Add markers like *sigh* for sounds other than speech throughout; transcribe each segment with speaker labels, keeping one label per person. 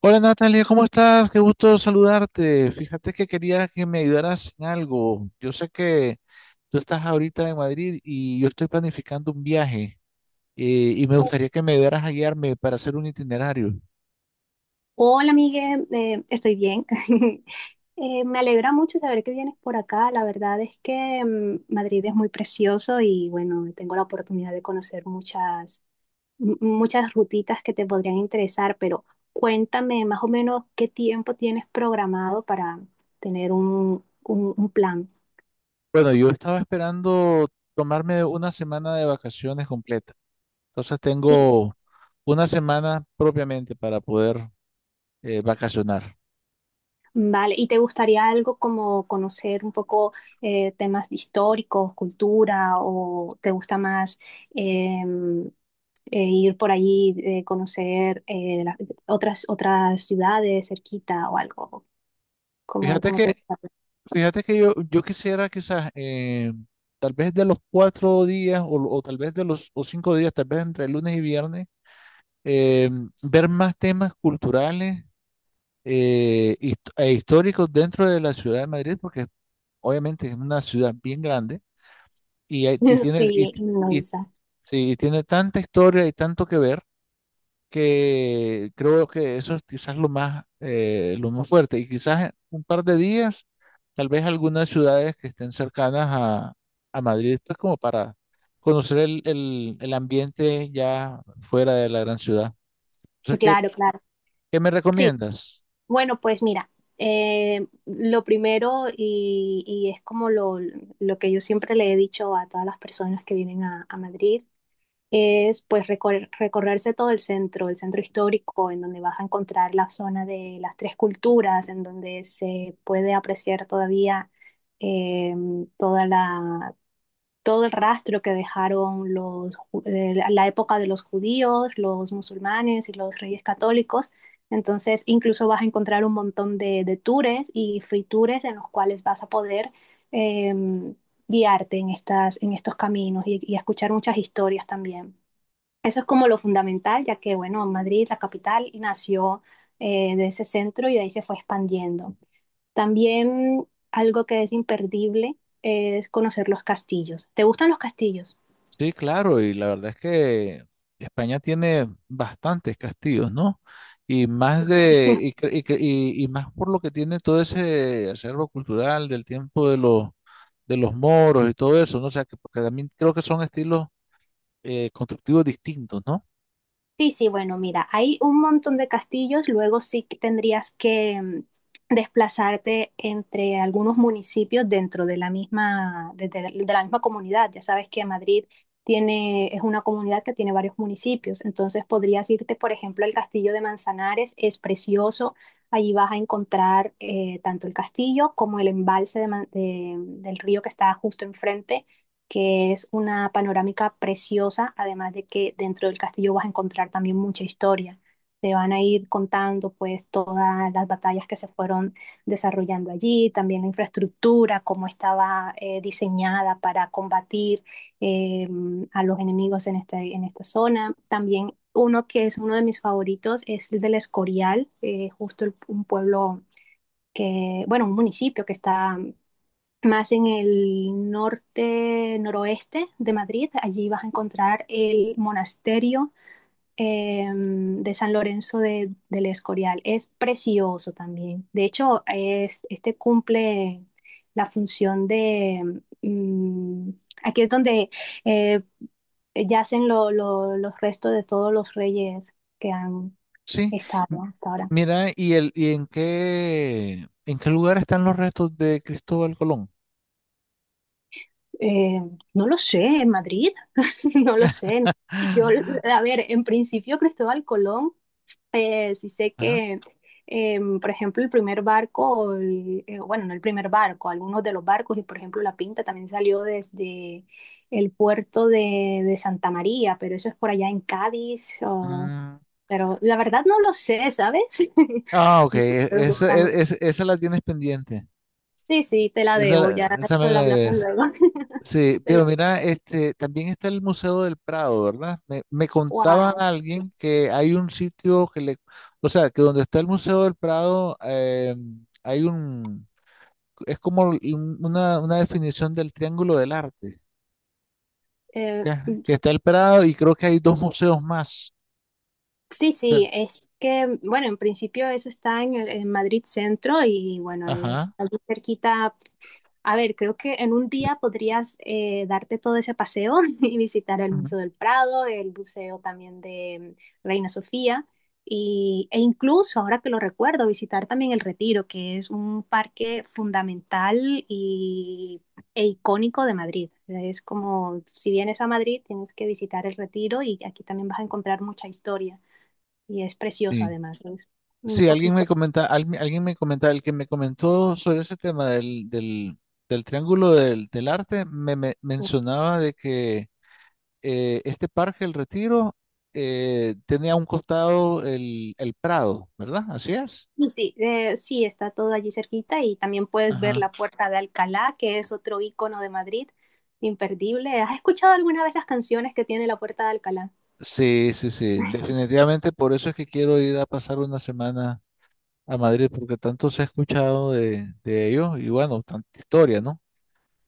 Speaker 1: Hola, Natalia, ¿cómo estás? Qué gusto saludarte. Fíjate que quería que me ayudaras en algo. Yo sé que tú estás ahorita en Madrid y yo estoy planificando un viaje, y me gustaría que me ayudaras a guiarme para hacer un itinerario.
Speaker 2: Hola, Miguel, estoy bien. *laughs* Me alegra mucho saber que vienes por acá. La verdad es que Madrid es muy precioso y bueno, tengo la oportunidad de conocer muchas rutitas que te podrían interesar, pero cuéntame más o menos qué tiempo tienes programado para tener un plan.
Speaker 1: Bueno, yo estaba esperando tomarme una semana de vacaciones completa. Entonces tengo una semana propiamente para poder vacacionar.
Speaker 2: Vale, ¿y te gustaría algo como conocer un poco temas históricos, cultura, o te gusta más em, ir por allí, conocer otras ciudades cerquita o algo? Como
Speaker 1: Fíjate
Speaker 2: te
Speaker 1: que
Speaker 2: gusta?
Speaker 1: Fíjate que yo quisiera quizás, tal vez de los 4 días o tal vez de los o 5 días, tal vez entre lunes y viernes, eh, ver más temas culturales, e históricos dentro de la ciudad de Madrid, porque obviamente es una ciudad bien grande y, hay- y
Speaker 2: *laughs*
Speaker 1: tiene, y,
Speaker 2: Sí,
Speaker 1: y-
Speaker 2: inmensa.
Speaker 1: sí, y tiene tanta historia y tanto que ver que creo que eso es quizás lo más fuerte. Y quizás en un par de días, tal vez algunas ciudades que estén cercanas a Madrid, pues como para conocer el ambiente ya fuera de la gran ciudad. Entonces,
Speaker 2: Claro, claro.
Speaker 1: ¿qué me
Speaker 2: Sí,
Speaker 1: recomiendas?
Speaker 2: bueno, pues mira, lo primero y es como lo que yo siempre le he dicho a todas las personas que vienen a Madrid es pues recorrerse todo el centro histórico, en donde vas a encontrar la zona de las tres culturas, en donde se puede apreciar todavía eh, toda la, todo el rastro que dejaron la época de los judíos, los musulmanes y los reyes católicos. Entonces, incluso vas a encontrar un montón de tours y free tours en los cuales vas a poder em, guiarte en en estos caminos y escuchar muchas historias también. Eso es como lo fundamental, ya que, bueno, Madrid, la capital, nació de ese centro y de ahí se fue expandiendo. También algo que es imperdible es conocer los castillos. ¿Te gustan los castillos?
Speaker 1: Sí, claro, y la verdad es que España tiene bastantes castillos, ¿no? Y más de, y, cre- y cre- y más por lo que tiene todo ese acervo cultural del tiempo de los moros y todo eso, ¿no? O sea, que, porque también creo que son estilos constructivos distintos, ¿no?
Speaker 2: Sí, sí, bueno, mira, hay un montón de castillos, luego sí que tendrías que desplazarte entre algunos municipios dentro de de la misma comunidad. Ya sabes que Madrid tiene, es una comunidad que tiene varios municipios, entonces podrías irte, por ejemplo, al castillo de Manzanares, es precioso, allí vas a encontrar tanto el castillo como el embalse de del río que está justo enfrente, que es una panorámica preciosa, además de que dentro del castillo vas a encontrar también mucha historia. Te van a ir contando pues todas las batallas que se fueron desarrollando allí, también la infraestructura, cómo estaba diseñada para combatir eh, a los enemigos en, este, en esta zona. También uno que es uno de mis favoritos es el del Escorial, un pueblo que, bueno, un municipio que está más en el norte, noroeste de Madrid. Allí vas a encontrar el monasterio de San Lorenzo del Escorial. Es precioso también. De hecho, es, este cumple la función de... mm, aquí es donde eh, yacen los restos de todos los reyes que han
Speaker 1: Sí. M-
Speaker 2: estado hasta ahora.
Speaker 1: Mira, ¿y el, y en qué lugar están los restos de Cristóbal Colón?
Speaker 2: Eh, no lo sé, en Madrid, *laughs* no lo sé. Yo,
Speaker 1: *gasps*
Speaker 2: a ver, en principio Cristóbal Colón, sí sé
Speaker 1: Ah,
Speaker 2: que, por ejemplo, el primer barco, bueno, no el primer barco, algunos de los barcos, y por ejemplo La Pinta también salió desde el puerto de Santa María, pero eso es por allá en Cádiz, o
Speaker 1: mm.
Speaker 2: pero la verdad no lo sé, ¿sabes? *laughs*
Speaker 1: Ah, ok, e,
Speaker 2: Los
Speaker 1: esa,
Speaker 2: océanos.
Speaker 1: esa esa la tienes pendiente.
Speaker 2: Sí, sí, te la debo,
Speaker 1: Esa,
Speaker 2: ya
Speaker 1: esa me
Speaker 2: solo
Speaker 1: la
Speaker 2: hablamos
Speaker 1: debes.
Speaker 2: luego. *laughs*
Speaker 1: Sí,
Speaker 2: Te
Speaker 1: pero
Speaker 2: lo-
Speaker 1: mira, este, también está el Museo del Prado, ¿verdad? Me contaba
Speaker 2: Wow.
Speaker 1: alguien que hay un sitio que le, o sea, que donde está el Museo del Prado, hay un, es como una definición del Triángulo del Arte, ¿ya? Que está el Prado y creo que hay dos museos más.
Speaker 2: Sí,
Speaker 1: ¿Ya?
Speaker 2: sí, es que, bueno, en principio eso está en Madrid Centro y bueno,
Speaker 1: Ajá.
Speaker 2: está muy cerquita. A ver, creo que en un día podrías darte todo ese paseo *laughs* y visitar el
Speaker 1: Ujú.
Speaker 2: Museo del Prado, el Museo también de Reina Sofía y, e incluso, ahora que lo recuerdo, visitar también el Retiro, que es un parque fundamental y e icónico de Madrid. Es como, si vienes a Madrid, tienes que visitar el Retiro y aquí también vas a encontrar mucha historia y es precioso
Speaker 1: Sí.
Speaker 2: además, es un
Speaker 1: Sí, alguien me
Speaker 2: poquito.
Speaker 1: comenta, alguien me comenta, el que me comentó sobre ese tema del, del, del triángulo del, del arte, me, mencionaba de que este parque, el Retiro, tenía a un costado el Prado, ¿verdad? Así es.
Speaker 2: Y sí, sí, está todo allí cerquita y también puedes ver
Speaker 1: Ajá.
Speaker 2: la Puerta de Alcalá, que es otro icono de Madrid, imperdible. ¿Has escuchado alguna vez las canciones que tiene la Puerta de Alcalá?
Speaker 1: Sí, sí, sí, definitivamente por eso es que quiero ir a pasar una semana a Madrid, porque tanto se ha escuchado de ello y bueno, tanta historia, ¿no?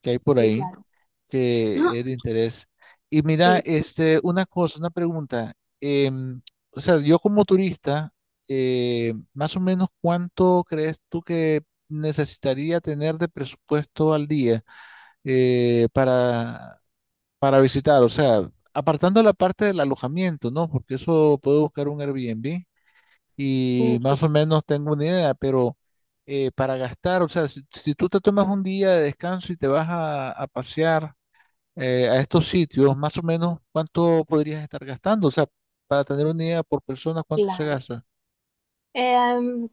Speaker 1: Que hay por
Speaker 2: Sí,
Speaker 1: ahí,
Speaker 2: claro.
Speaker 1: que
Speaker 2: No,
Speaker 1: es de interés. Y mira,
Speaker 2: sí,
Speaker 1: este, una cosa, una pregunta. em, o sea, yo como turista, más o menos, ¿cuánto crees tú que necesitaría tener de presupuesto al día eh, para, para visitar? O sea, apartando la parte del alojamiento, ¿no? Porque eso puedo buscar un Airbnb
Speaker 2: mm,
Speaker 1: y
Speaker 2: sí,
Speaker 1: más o menos tengo una idea, pero para gastar, o sea, si, si tú te tomas un día de descanso y te vas a pasear, a estos sitios, más o menos, ¿cuánto podrías estar gastando? O sea, para tener una idea por persona, ¿cuánto se
Speaker 2: claro.
Speaker 1: gasta?
Speaker 2: Em,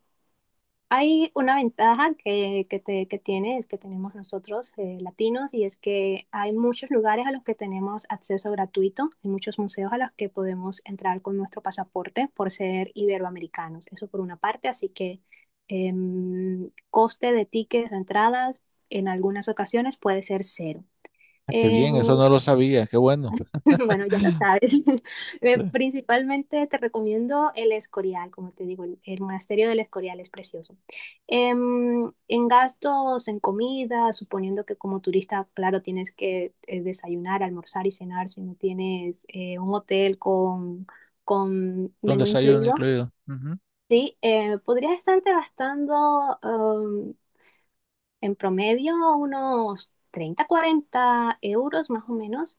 Speaker 2: Hay una ventaja que tiene, es que tenemos nosotros latinos, y es que hay muchos lugares a los que tenemos acceso gratuito, hay muchos museos a los que podemos entrar con nuestro pasaporte por ser iberoamericanos. Eso por una parte, así que coste de tickets o entradas en algunas ocasiones puede ser cero.
Speaker 1: Ah, qué bien, eso
Speaker 2: En
Speaker 1: no lo sabía, qué bueno.
Speaker 2: *laughs* bueno, ya lo sabes. *laughs* Eh,
Speaker 1: Sí.
Speaker 2: Principalmente te recomiendo el Escorial, como te digo, el monasterio del Escorial es precioso. Em, en gastos, en comida, suponiendo que como turista, claro, tienes que desayunar, almorzar y cenar si no tienes un hotel con
Speaker 1: Con
Speaker 2: menú
Speaker 1: desayuno
Speaker 2: incluido,
Speaker 1: incluido. Ujú.
Speaker 2: sí, podrías estarte gastando en promedio unos 30, 40 € más o menos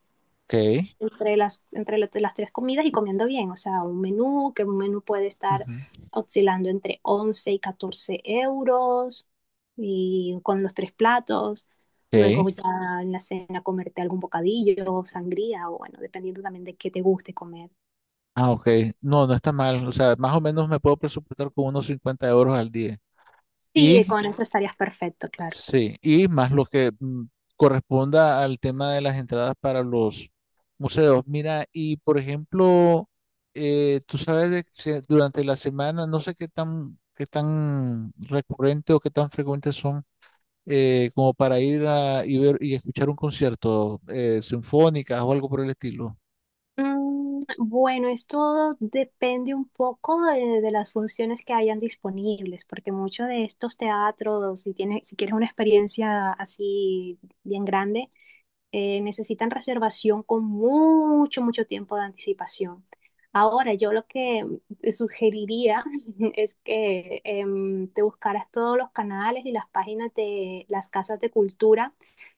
Speaker 1: Ok.
Speaker 2: entre entre las tres comidas y comiendo bien. O sea, un menú, que un menú puede estar
Speaker 1: Ujú.
Speaker 2: oscilando entre 11 y 14 € y con los tres platos.
Speaker 1: Ok.
Speaker 2: Luego ya en la cena comerte algún bocadillo, sangría o bueno, dependiendo también de qué te guste comer.
Speaker 1: Ah, ok. No, no está mal. O sea, más o menos me puedo presupuestar con unos 50 euros al día.
Speaker 2: Sí,
Speaker 1: Y
Speaker 2: con eso estarías perfecto, claro.
Speaker 1: sí, y más lo que corresponda al tema de las entradas para los museos. Mira, y por ejemplo, tú sabes de que durante la semana, no sé qué tan recurrente o qué tan frecuentes son, como para ir a y ver y escuchar un concierto, sinfónicas o algo por el estilo.
Speaker 2: Mm, bueno, esto depende un poco de las funciones que hayan disponibles, porque muchos de estos teatros, si tienes, si quieres una experiencia así bien grande, necesitan reservación con mucho, mucho tiempo de anticipación. Ahora, yo lo que te sugeriría *laughs* es que te buscaras todos los canales y las páginas de las casas de cultura,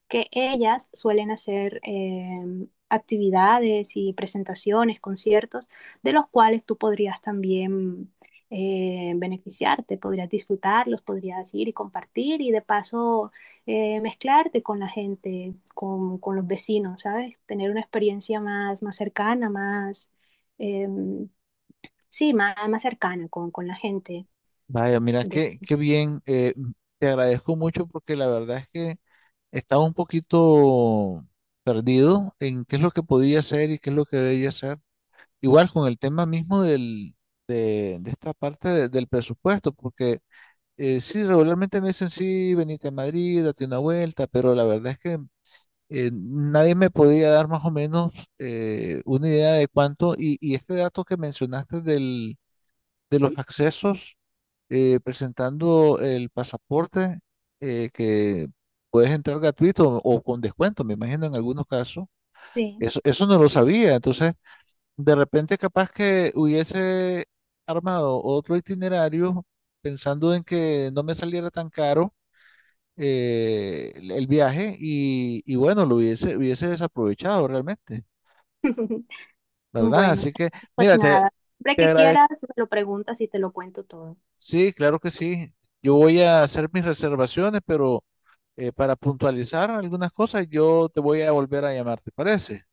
Speaker 2: que ellas suelen hacer actividades y presentaciones, conciertos, de los cuales tú podrías también beneficiarte, podrías disfrutarlos, podrías ir y compartir y de paso mezclarte con la gente, con los vecinos, ¿sabes? Tener una experiencia más, más cercana, más, eh, sí, más, más cercana con la gente.
Speaker 1: Vaya, mira,
Speaker 2: De,
Speaker 1: qué, qué bien. Te agradezco mucho porque la verdad es que estaba un poquito perdido en qué es lo que podía hacer y qué es lo que debía hacer. Igual con el tema mismo del, de esta parte del presupuesto, porque sí, regularmente me dicen, sí, venite a Madrid, date una vuelta, pero la verdad es que nadie me podía dar más o menos una idea de cuánto, y este dato que mencionaste del, de los accesos, presentando el pasaporte, que puedes entrar gratuito o con descuento, me imagino en algunos casos.
Speaker 2: sí,
Speaker 1: Eso no lo sabía, entonces de repente capaz que hubiese armado otro itinerario pensando en que no me saliera tan caro, el viaje y bueno, lo hubiese, hubiese desaprovechado realmente, ¿verdad?
Speaker 2: bueno,
Speaker 1: Así que,
Speaker 2: pues
Speaker 1: mira, te,
Speaker 2: nada, siempre
Speaker 1: te
Speaker 2: que
Speaker 1: agradezco.
Speaker 2: quieras, me lo preguntas y te lo cuento todo.
Speaker 1: Sí, claro que sí. Yo voy a hacer mis reservaciones, pero... para puntualizar algunas cosas, yo te voy a volver a llamar, ¿te parece?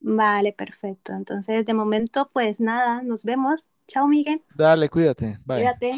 Speaker 2: Vale, perfecto. Entonces, de momento, pues nada, nos vemos. Chao, Miguel.
Speaker 1: Dale, cuídate, bye.
Speaker 2: Cuídate.